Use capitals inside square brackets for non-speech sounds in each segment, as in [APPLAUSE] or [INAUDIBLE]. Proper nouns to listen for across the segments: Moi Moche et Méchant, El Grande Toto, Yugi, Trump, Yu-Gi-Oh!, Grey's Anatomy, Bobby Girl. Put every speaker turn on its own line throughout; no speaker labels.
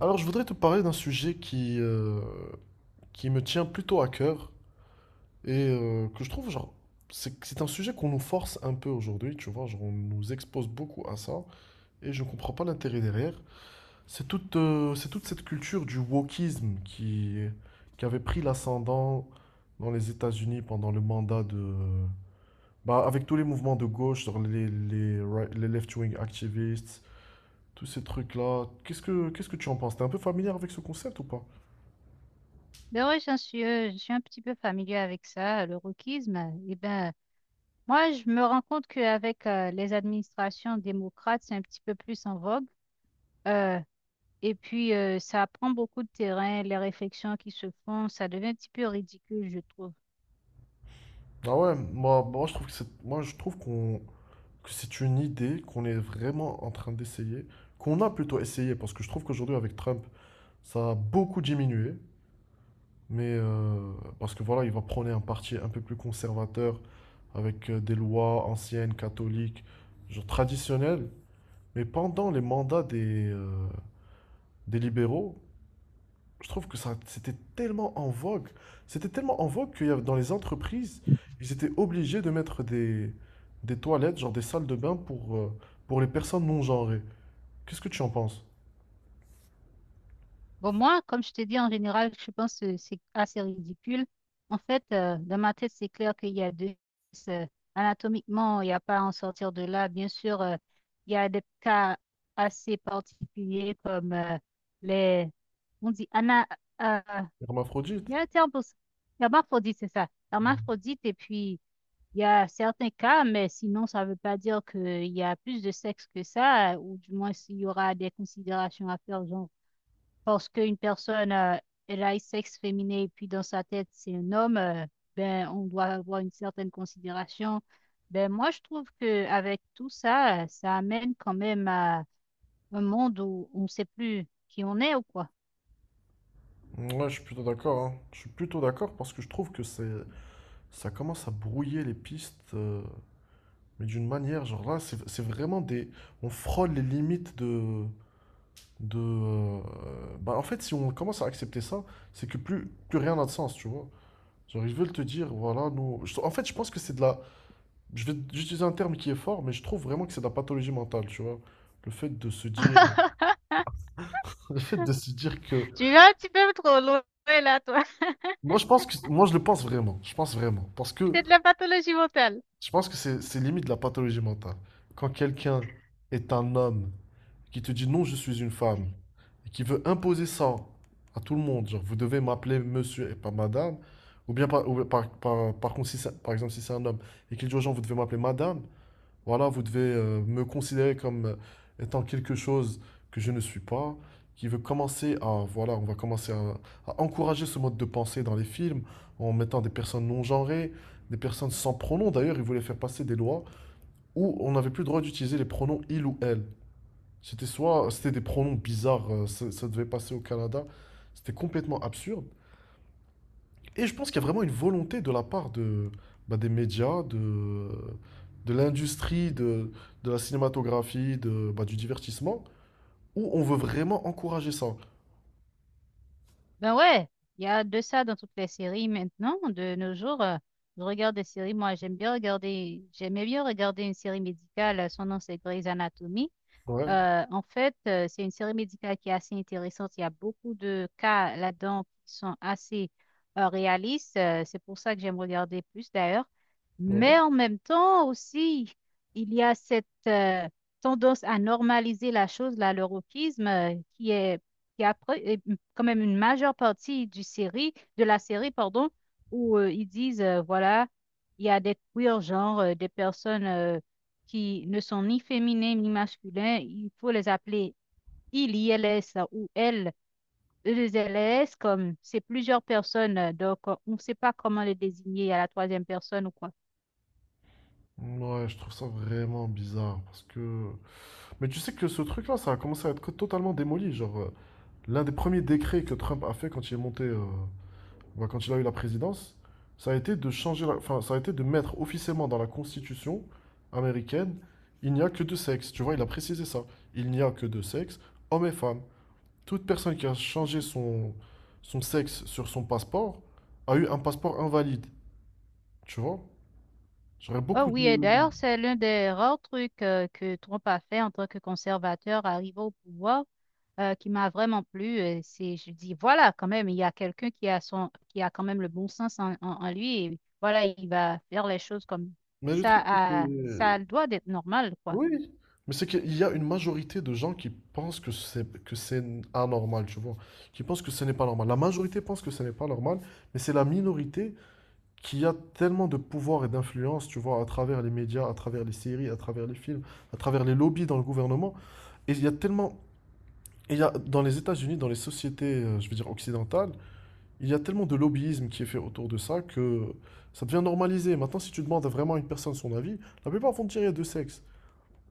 Alors, je voudrais te parler d'un sujet qui me tient plutôt à cœur et que je trouve, genre, c'est un sujet qu'on nous force un peu aujourd'hui, tu vois, genre, on nous expose beaucoup à ça et je ne comprends pas l'intérêt derrière. C'est toute cette culture du wokisme qui avait pris l'ascendant dans les États-Unis pendant le mandat de... Bah, avec tous les mouvements de gauche, genre les left-wing activists, tous ces trucs-là. Qu'est-ce que tu en penses? T'es un peu familier avec ce concept ou pas?
Ben ouais, j'en suis, je suis un petit peu familier avec ça, le wokisme. Eh ben, moi, je me rends compte qu'avec les administrations démocrates, c'est un petit peu plus en vogue. Euh, et puis, ça prend beaucoup de terrain, les réflexions qui se font, ça devient un petit peu ridicule, je trouve.
Ah ouais, moi je trouve que moi je trouve que c'est une idée qu'on est vraiment en train d'essayer, qu'on a plutôt essayé, parce que je trouve qu'aujourd'hui avec Trump, ça a beaucoup diminué, mais parce que voilà, il va prôner un parti un peu plus conservateur, avec des lois anciennes, catholiques, genre traditionnelles, mais pendant les mandats des libéraux, je trouve que ça, c'était tellement en vogue. C'était tellement en vogue qu'il y avait dans les entreprises, ils étaient obligés de mettre des toilettes, genre des salles de bain pour les personnes non genrées. Qu'est-ce que tu en penses?
Bon, moi, comme je t'ai dit, en général, je pense que c'est assez ridicule. En fait, dans ma tête, c'est clair qu'il y a deux. euh, Anatomiquement, il n'y a pas à en sortir de là. Bien sûr, il y a des cas assez particuliers comme les... On dit ana... euh,
Hermaphrodite?
il y a un terme pour ça. Hermaphrodite, c'est ça. Hermaphrodite, et puis il y a certains cas, mais sinon, ça ne veut pas dire qu'il y a plus de sexe que ça, ou du moins, s'il y aura des considérations à faire, genre parce qu'une personne elle a un sexe féminin et puis dans sa tête c'est un homme, ben on doit avoir une certaine considération. Ben moi je trouve que avec tout ça, ça amène quand même à un monde où on ne sait plus qui on est ou quoi.
Ouais, je suis plutôt d'accord, hein. Je suis plutôt d'accord parce que je trouve que c'est, ça commence à brouiller les pistes, mais d'une manière, genre là, c'est vraiment des, on frôle les limites de, bah en fait, si on commence à accepter ça, c'est que plus rien n'a de sens, tu vois. Genre, ils veulent te dire, voilà, nous. En fait, je pense que c'est de la. Je vais utiliser un terme qui est fort, mais je trouve vraiment que c'est de la pathologie mentale, tu vois. Le fait de se dire.
[LAUGHS]
[LAUGHS] Le fait de se dire que.
Tu vas un petit peu trop loin là, toi. [LAUGHS]
Moi, je pense que. Moi, je le pense vraiment. Je pense vraiment. Parce que
C'est de la pathologie mentale.
je pense que c'est limite de la pathologie mentale. Quand quelqu'un est un homme qui te dit non, je suis une femme, et qui veut imposer ça à tout le monde, genre, vous devez m'appeler monsieur et pas madame, ou bien par, ou par, par, par contre, si c'est- par exemple, si c'est un homme, et qu'il dit aux gens, vous devez m'appeler madame. Voilà, vous devez me considérer comme étant quelque chose que je ne suis pas, qui veut commencer à, voilà, on va commencer à encourager ce mode de pensée dans les films en mettant des personnes non genrées, des personnes sans pronoms. D'ailleurs, ils voulaient faire passer des lois où on n'avait plus le droit d'utiliser les pronoms il ou elle. C'était des pronoms bizarres, ça devait passer au Canada. C'était complètement absurde. Et je pense qu'il y a vraiment une volonté de la part bah, des médias, de l'industrie, de la cinématographie, de, bah, du divertissement, où on veut vraiment encourager ça.
Ben ouais, il y a de ça dans toutes les séries maintenant, de nos jours. Je regarde des séries, moi j'aime bien regarder, j'aimais bien regarder une série médicale, son nom c'est Grey's Anatomy.
Ouais,
En fait, c'est une série médicale qui est assez intéressante. Il y a beaucoup de cas là-dedans qui sont assez réalistes. C'est pour ça que j'aime regarder plus d'ailleurs.
ouais.
Mais en même temps aussi, il y a cette tendance à normaliser la chose, là, le wokisme, qui est, qui après, est quand même une majeure partie du série, de la série, pardon, où ils disent, voilà, il y a des queers, genre des personnes qui ne sont ni féminins ni masculins, il faut les appeler ILS ou L. LS, comme c'est plusieurs personnes, donc on ne sait pas comment les désigner à la troisième personne ou quoi.
Ouais, je trouve ça vraiment bizarre parce que... Mais tu sais que ce truc-là, ça a commencé à être totalement démoli. Genre, l'un des premiers décrets que Trump a fait quand il est monté bah, quand il a eu la présidence, ça a été enfin, ça a été de mettre officiellement dans la Constitution américaine, il n'y a que deux sexes. Tu vois, il a précisé ça. Il n'y a que deux sexes, hommes et femmes. Toute personne qui a changé son sexe sur son passeport a eu un passeport invalide. Tu vois? J'aurais
Oh
beaucoup
oui, et
de...
d'ailleurs, c'est l'un des rares trucs que Trump a fait en tant que conservateur arrivé au pouvoir qui m'a vraiment plu. C'est, je dis, voilà, quand même, il y a quelqu'un qui a son, qui a quand même le bon sens en, en lui et voilà, il va faire les choses comme
Mais le
ça.
truc, c'est que-
Ça doit être normal, quoi.
Oui, mais c'est qu'il y a une majorité de gens qui pensent que c'est anormal, tu vois, qui pensent que ce n'est pas normal. La majorité pense que ce n'est pas normal, mais c'est la minorité qui a tellement de pouvoir et d'influence, tu vois, à travers les médias, à travers les séries, à travers les films, à travers les lobbies dans le gouvernement. Et il y a tellement, et il y a, dans les États-Unis, dans les sociétés, je veux dire, occidentales, il y a tellement de lobbyisme qui est fait autour de ça que ça devient normalisé. Maintenant, si tu demandes à vraiment une personne son avis, la plupart vont te dire il y a deux sexes.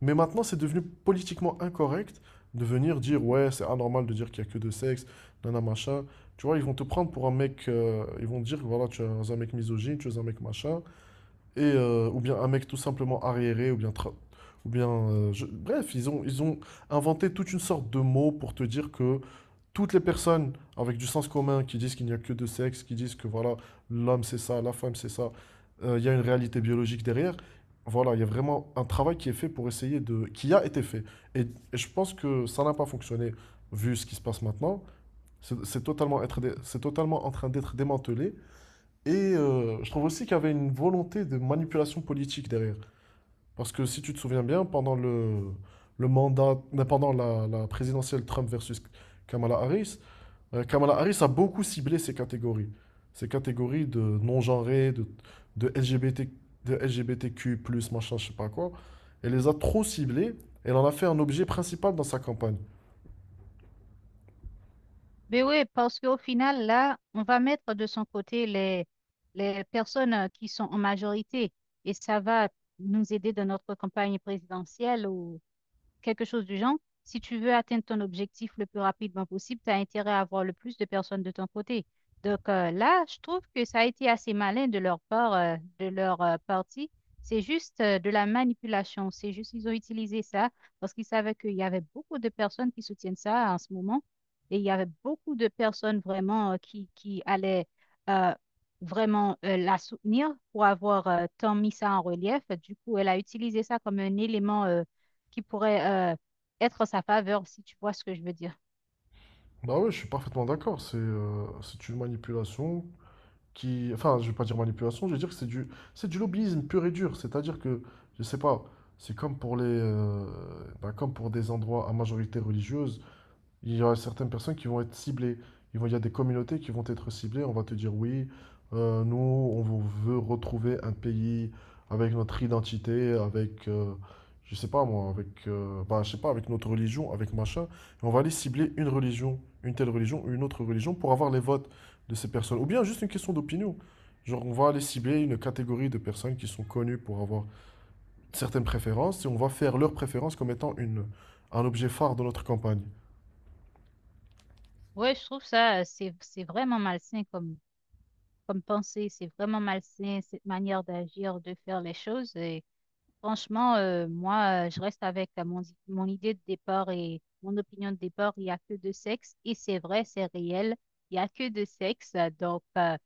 Mais maintenant, c'est devenu politiquement incorrect de venir dire ouais, c'est anormal de dire qu'il y a que deux sexes, nana machin. Tu vois, ils vont te prendre pour un mec, ils vont te dire voilà, tu es un mec misogyne, tu es un mec machin. Ou bien un mec tout simplement arriéré, ou bien... tra- Ou bien je- Bref, ils ont inventé toute une sorte de mots pour te dire que toutes les personnes avec du sens commun qui disent qu'il n'y a que deux sexes, qui disent que voilà, l'homme c'est ça, la femme c'est ça, il y a une réalité biologique derrière. Voilà, il y a vraiment un travail qui est fait pour essayer de... qui a été fait. Et je pense que ça n'a pas fonctionné vu ce qui se passe maintenant. C'est totalement en train d'être démantelé. Et je trouve aussi qu'il y avait une volonté de manipulation politique derrière. Parce que si tu te souviens bien, pendant le mandat, non, pendant la présidentielle Trump versus Kamala Harris, Kamala Harris a beaucoup ciblé ces catégories. Ces catégories de non-genrés, de LGBT, de LGBTQ+, machin, je sais pas quoi. Elle les a trop ciblées. Elle en a fait un objet principal dans sa campagne.
Mais oui, parce qu'au final, là, on va mettre de son côté les personnes qui sont en majorité et ça va nous aider dans notre campagne présidentielle où quelque chose du genre. Si tu veux atteindre ton objectif le plus rapidement possible, tu as intérêt à avoir le plus de personnes de ton côté. Donc là, je trouve que ça a été assez malin de leur part, de leur partie. C'est juste de la manipulation. C'est juste qu'ils ont utilisé ça parce qu'ils savaient qu'il y avait beaucoup de personnes qui soutiennent ça en ce moment. Et il y avait beaucoup de personnes vraiment qui allaient euh, vraiment la soutenir pour avoir tant mis ça en relief. Du coup, elle a utilisé ça comme un élément. Qui pourrait être en sa faveur, si tu vois ce que je veux dire.
Bah ouais, je suis parfaitement d'accord. C'est une manipulation qui, enfin, je vais pas dire manipulation, je vais dire que c'est du lobbyisme pur et dur. C'est-à-dire que, je sais pas, c'est comme pour ben, comme pour des endroits à majorité religieuse. Il y aura certaines personnes qui vont être ciblées. Il y a des communautés qui vont être ciblées. On va te dire oui, nous, veut retrouver un pays avec notre identité, je sais pas moi, je sais pas, avec notre religion, avec machin. Et on va aller cibler une religion, une telle religion ou une autre religion pour avoir les votes de ces personnes. Ou bien juste une question d'opinion. Genre, on va aller cibler une catégorie de personnes qui sont connues pour avoir certaines préférences et on va faire leurs préférences comme étant une, un objet phare de notre campagne.
Ouais, je trouve ça, c'est vraiment malsain comme, comme pensée, c'est vraiment malsain cette manière d'agir, de faire les choses. Et franchement, moi, je reste avec mon, mon idée de départ et mon opinion de départ, il n'y a que deux sexes, et c'est vrai, c'est réel, il n'y a que deux sexes. Donc,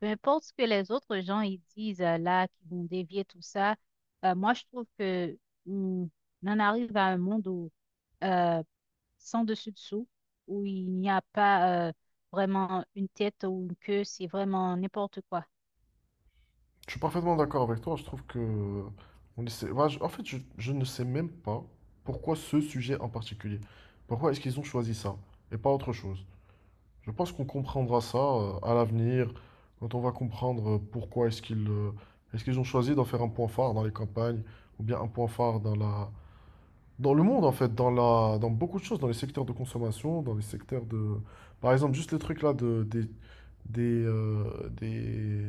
peu importe ce que les autres gens ils disent là, qui vont dévier tout ça, moi, je trouve que hum, on en arrive à un monde où... euh, sans dessus-dessous, où il n'y a pas vraiment une tête ou une queue, c'est vraiment n'importe quoi.
Je suis parfaitement d'accord avec toi. Je trouve que on essaie- bah, je- en fait, je ne sais même pas pourquoi ce sujet en particulier. Pourquoi est-ce qu'ils ont choisi ça et pas autre chose. Je pense qu'on comprendra ça à l'avenir quand on va comprendre pourquoi est-ce qu'ils ont choisi d'en faire un point phare dans les campagnes ou bien un point phare dans la dans le monde en fait, dans la dans beaucoup de choses, dans les secteurs de consommation, dans les secteurs de par exemple juste les trucs là de des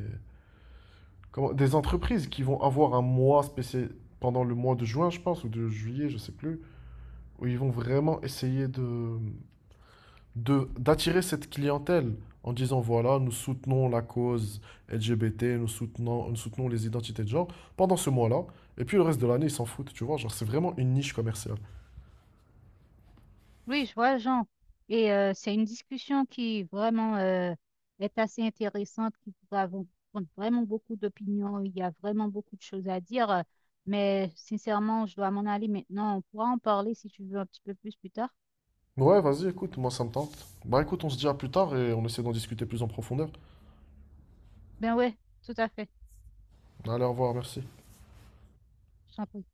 Comment- des entreprises qui vont avoir un mois spécial pendant le mois de juin, je pense, ou de juillet, je sais plus, où ils vont vraiment essayer d'attirer cette clientèle en disant voilà, nous soutenons la cause LGBT, nous soutenons les identités de genre pendant ce mois-là, et puis le reste de l'année, ils s'en foutent, tu vois, genre c'est vraiment une niche commerciale.
Oui, je vois, Jean. Et c'est une discussion qui vraiment est assez intéressante, qui pourra vous prendre vraiment beaucoup d'opinions. Il y a vraiment beaucoup de choses à dire, mais sincèrement, je dois m'en aller maintenant. On pourra en parler si tu veux un petit peu plus plus tard.
Ouais, vas-y, écoute, moi ça me tente. Bah écoute, on se dit à plus tard et on essaie d'en discuter plus en profondeur.
Ben ouais, tout à fait.
Allez, au revoir, merci.
Je t'en prie.